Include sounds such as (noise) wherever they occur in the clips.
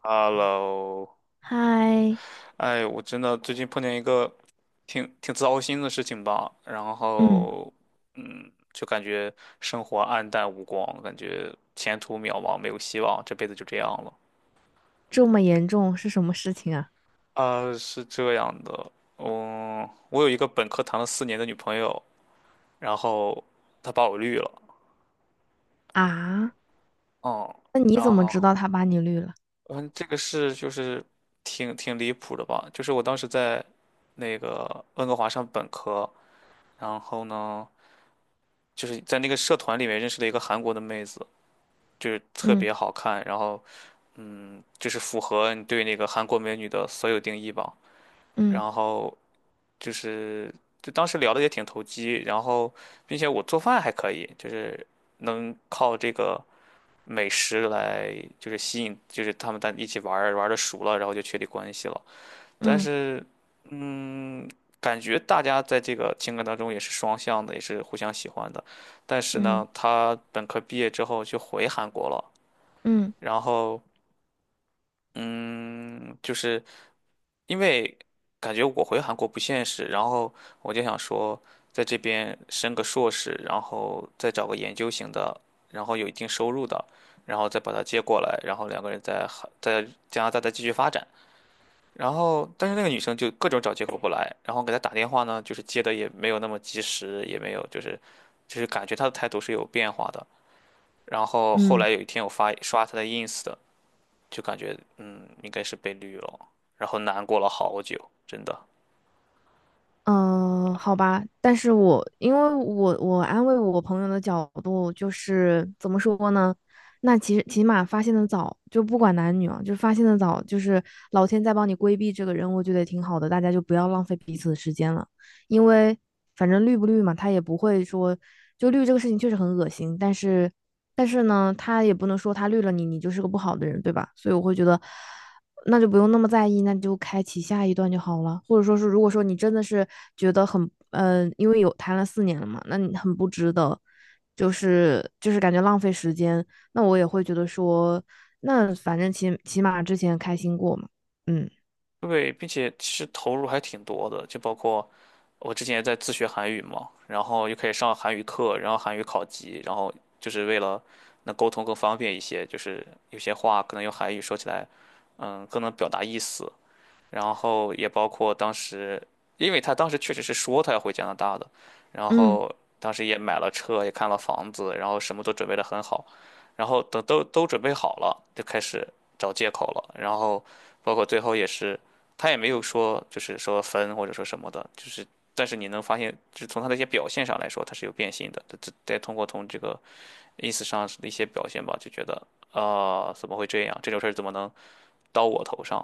Hello，嗨，哎，我真的最近碰见一个挺糟心的事情吧，然嗯，后，就感觉生活黯淡无光，感觉前途渺茫，没有希望，这辈子就这样了。这么严重是什么事情啊？啊，是这样的，嗯，我有一个本科谈了4年的女朋友，然后她把我绿了，啊，嗯，那你怎然么知道后，他把你绿了？嗯，这个事就是挺离谱的吧，就是我当时在那个温哥华上本科，然后呢。就是在那个社团里面认识了一个韩国的妹子，就是特嗯别好看，然后就是符合你对那个韩国美女的所有定义吧。嗯然后就是就当时聊的也挺投机，然后并且我做饭还可以，就是能靠这个美食来就是吸引，就是他们在一起玩儿玩的熟了，然后就确立关系了。但嗯是，嗯，感觉大家在这个情感当中也是双向的，也是互相喜欢的。但是嗯呢，他本科毕业之后就回韩国了，嗯然后，嗯，就是因为感觉我回韩国不现实，然后我就想说，在这边升个硕士，然后再找个研究型的，然后有一定收入的，然后再把他接过来，然后两个人在韩在加拿大再继续发展。然后，但是那个女生就各种找借口不来，然后给她打电话呢，就是接的也没有那么及时，也没有就是，就是感觉她的态度是有变化的。然后后嗯来有一天我刷她的 ins 的，就感觉应该是被绿了，然后难过了好久，真的。嗯，好吧，但是我因为我安慰我朋友的角度就是怎么说呢？那其实起码发现的早，就不管男女啊，就发现的早，就是老天在帮你规避这个人，我觉得也挺好的，大家就不要浪费彼此的时间了，因为反正绿不绿嘛，他也不会说就绿这个事情确实很恶心，但是呢，他也不能说他绿了你，你就是个不好的人，对吧？所以我会觉得。那就不用那么在意，那就开启下一段就好了。或者说是，如果说你真的是觉得很，因为有谈了四年了嘛，那你很不值得，就是感觉浪费时间。那我也会觉得说，那反正起码之前开心过嘛。嗯对，并且其实投入还挺多的，就包括我之前也在自学韩语嘛，然后又可以上韩语课，然后韩语考级，然后就是为了能沟通更方便一些，就是有些话可能用韩语说起来，更能表达意思，然后也包括当时，因为他当时确实是说他要回加拿大的，然嗯。后当时也买了车，也看了房子，然后什么都准备得很好，然后等都准备好了，就开始找借口了，然后包括最后也是，他也没有说就是说分或者说什么的，就是但是你能发现，就是从他的一些表现上来说，他是有变心的，这再通过从这个意思上的一些表现吧，就觉得啊、怎么会这样？这种事儿怎么能到我头上？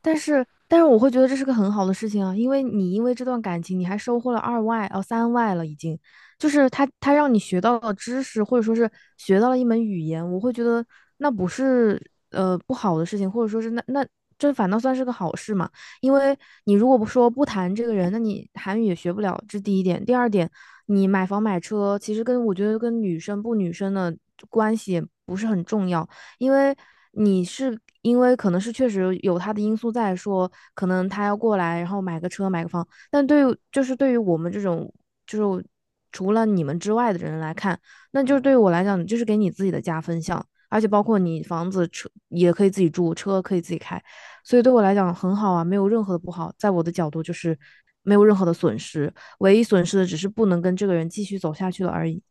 但是我会觉得这是个很好的事情啊，因为你因为这段感情，你还收获了二外哦三外了，已经，就是他让你学到了知识，或者说是学到了一门语言，我会觉得那不是不好的事情，或者说是那这反倒算是个好事嘛，因为你如果不谈这个人，那你韩语也学不了，这第一点。第二点，你买房买车，其实跟我觉得跟女生不女生的关系也不是很重要。因为你是因为可能是确实有他的因素在说，可能他要过来，然后买个车买个房，但对于就是对于我们这种就是除了你们之外的人来看，那 (laughs) 就是对嗯。于我来讲，就是给你自己的加分项，而且包括你房子车也可以自己住，车可以自己开，所以对我来讲很好啊，没有任何的不好，在我的角度就是没有任何的损失，唯一损失的只是不能跟这个人继续走下去了而已。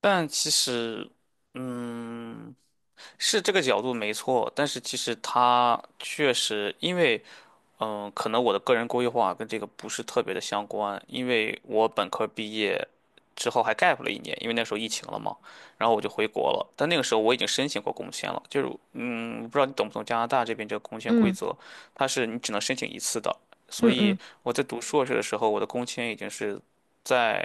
但其实，嗯，是这个角度没错，但是其实他确实因为。可能我的个人规划跟这个不是特别的相关，因为我本科毕业之后还 gap 了一年，因为那时候疫情了嘛，然后我就回国了。但那个时候我已经申请过工签了，就是我不知道你懂不懂加拿大这边这个工签规嗯则，它是你只能申请一次的。所嗯以嗯我在读硕士的时候，我的工签已经是在，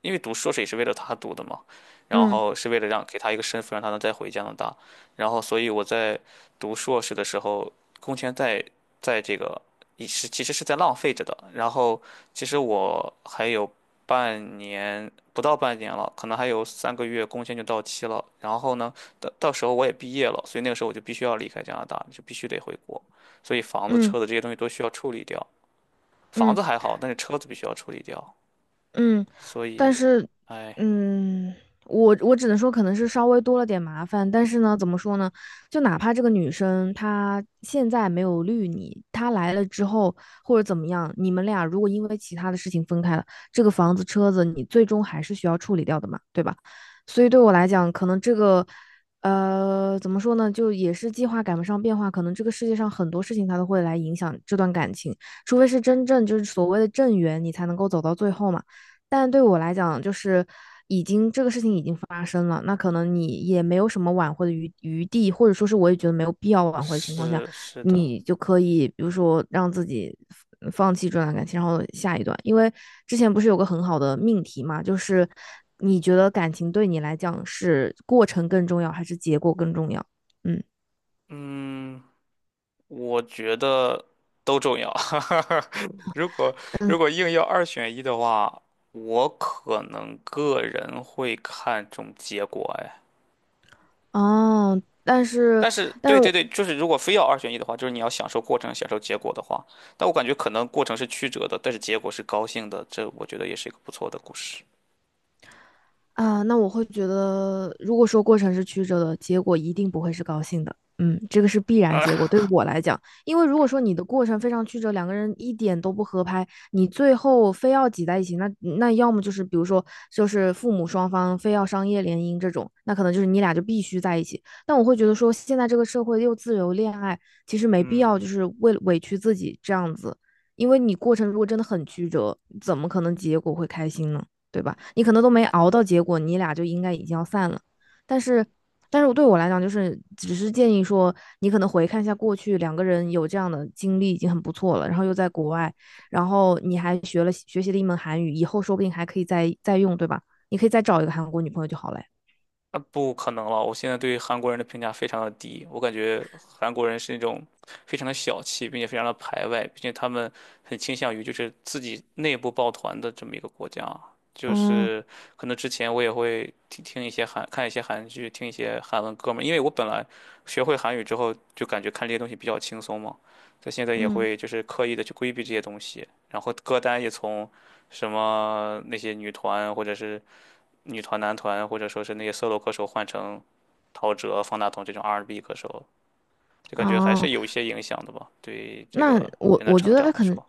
因为读硕士也是为了他读的嘛，然嗯后是为了让给他一个身份，让他能再回加拿大。然后，所以我在读硕士的时候，工签在这个也是其实是在浪费着的。然后其实我还有半年，不到半年了，可能还有3个月工签就到期了。然后呢，到时候我也毕业了，所以那个时候我就必须要离开加拿大，就必须得回国。所以房子、嗯车子这些东西都需要处理掉。房嗯。子还好，但是车子必须要处理掉。嗯，所但以，是，哎，嗯，我只能说可能是稍微多了点麻烦，但是呢，怎么说呢？就哪怕这个女生她现在没有绿你，她来了之后或者怎么样，你们俩如果因为其他的事情分开了，这个房子、车子你最终还是需要处理掉的嘛，对吧？所以对我来讲，可能这个，怎么说呢？就也是计划赶不上变化，可能这个世界上很多事情它都会来影响这段感情，除非是真正就是所谓的正缘，你才能够走到最后嘛。但对我来讲，就是已经这个事情已经发生了，那可能你也没有什么挽回的余地，或者说是我也觉得没有必要挽回的情况下，是是的，你就可以比如说让自己放弃这段感情，然后下一段。因为之前不是有个很好的命题嘛，就是你觉得感情对你来讲是过程更重要还是结果更重要？嗯嗯，我觉得都重要。(laughs) 如果嗯硬要二选一的话，我可能个人会看重结果哎。哦，但是但是，但是对对我对，就是如果非要二选一的话，就是你要享受过程，享受结果的话，但我感觉可能过程是曲折的，但是结果是高兴的，这我觉得也是一个不错的故事。啊，那我会觉得，如果说过程是曲折的，结果一定不会是高兴的。嗯，这个是必然结果，对我来讲，因为如果说你的过程非常曲折，两个人一点都不合拍，你最后非要挤在一起，那要么就是比如说就是父母双方非要商业联姻这种，那可能就是你俩就必须在一起。但我会觉得说，现在这个社会又自由恋爱，其实没必要就嗯。是为了委屈自己这样子，因为你过程如果真的很曲折，怎么可能结果会开心呢？对吧？你可能都没熬到结果，你俩就应该已经要散了。但是，对我来讲，就是只是建议说，你可能回看一下过去，两个人有这样的经历已经很不错了。然后又在国外，然后你还学习了一门韩语，以后说不定还可以再用，对吧？你可以再找一个韩国女朋友就好了呀。啊，不可能了！我现在对韩国人的评价非常的低，我感觉韩国人是那种非常的小气，并且非常的排外，并且他们很倾向于就是自己内部抱团的这么一个国家。就嗯是可能之前我也会听听一些看一些韩剧，听一些韩文歌嘛，因为我本来学会韩语之后就感觉看这些东西比较轻松嘛，所以现在也嗯会就是刻意的去规避这些东西，然后歌单也从什么那些女团或者是。女团、男团，或者说是那些 solo 歌手换成陶喆、方大同这种 R&B 歌手，就感觉还哦。是有一些影响的吧，对这那个我人的我觉成长得来可能说。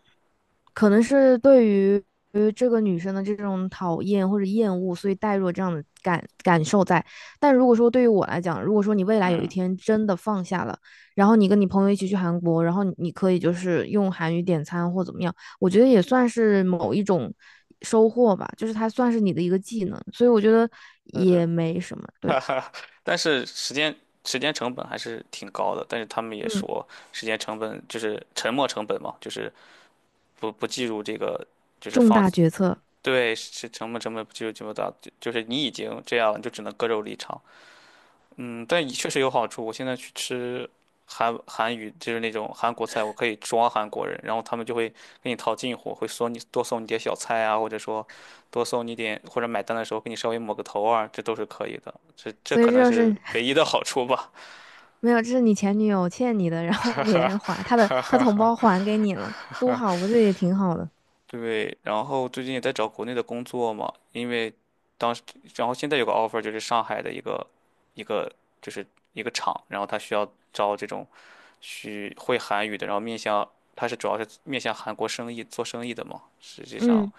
可能是对于这个女生的这种讨厌或者厌恶，所以带入了这样的感受在。但如果说对于我来讲，如果说你未来有一嗯，天真的放下了，然后你跟你朋友一起去韩国，然后你可以就是用韩语点餐或怎么样，我觉得也算是某一种收获吧，就是它算是你的一个技能，所以我觉得是，也没什么。对，(laughs) 但是时间成本还是挺高的，但是他们也嗯，说时间成本就是沉没成本嘛，就是不计入这个，就是重放，大决策，对，是沉没成本不计入这么大，就是你已经这样了，你就只能割肉离场。嗯，但也确实有好处。我现在去吃韩语，就是那种韩国菜，我可以装韩国人，然后他们就会跟你套近乎，会多送你点小菜啊，或者说多送你点，或者买单的时候给你稍微抹个头啊，这都是可以的。这所以可这能就是是唯一的好处吧。没有，这是你前女友欠你的，然后别人还 (laughs) 他的，哈他哈同哈，胞还给你了，多好，不这也挺好的？对，然后最近也在找国内的工作嘛，因为当时，然后现在有个 offer 就是上海的一个就是一个厂，然后他需要招这种。去会韩语的，然后面向他是主要是面向韩国生意做生意的嘛。实际上，嗯，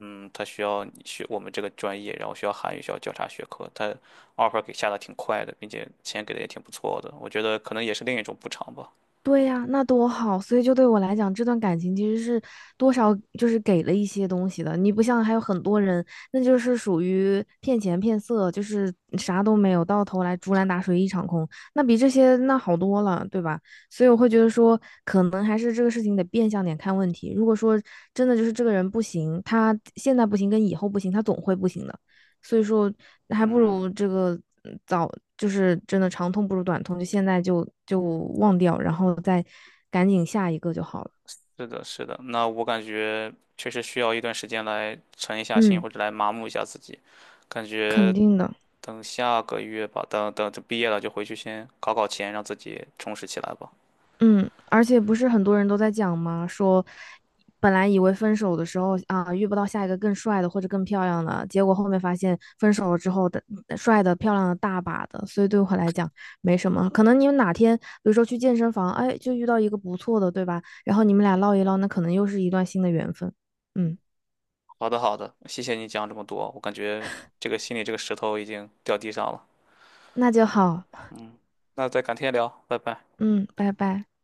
他需要你学我们这个专业，然后需要韩语，需要交叉学科。他 offer 给下的挺快的，并且钱给的也挺不错的。我觉得可能也是另一种补偿吧。对呀，那多好。所以就对我来讲，这段感情其实是多少就是给了一些东西的。你不像还有很多人，那就是属于骗钱骗色，就是啥都没有，到头来竹篮打水一场空。那比这些那好多了，对吧？所以我会觉得说，可能还是这个事情得变相点看问题。如果说真的就是这个人不行，他现在不行跟以后不行，他总会不行的。所以说还不如这个早就是真的长痛不如短痛，就现在就忘掉，然后再赶紧下一个就好了。是的，是的。那我感觉确实需要一段时间来沉一下心，嗯，或者来麻木一下自己。感觉肯定的。等下个月吧，等等就毕业了就回去先搞搞钱，让自己充实起来吧。嗯，而且不是很多人都在讲吗？说本来以为分手的时候啊，遇不到下一个更帅的或者更漂亮的，结果后面发现分手了之后的帅的、漂亮的大把的，所以对我来讲没什么。可能你们哪天，比如说去健身房，哎，就遇到一个不错的，对吧？然后你们俩唠一唠，那可能又是一段新的缘分。嗯，好的，好的，谢谢你讲这么多，我感觉这个心里这个石头已经掉地上了。那就好。那再改天聊，拜拜。嗯，拜拜。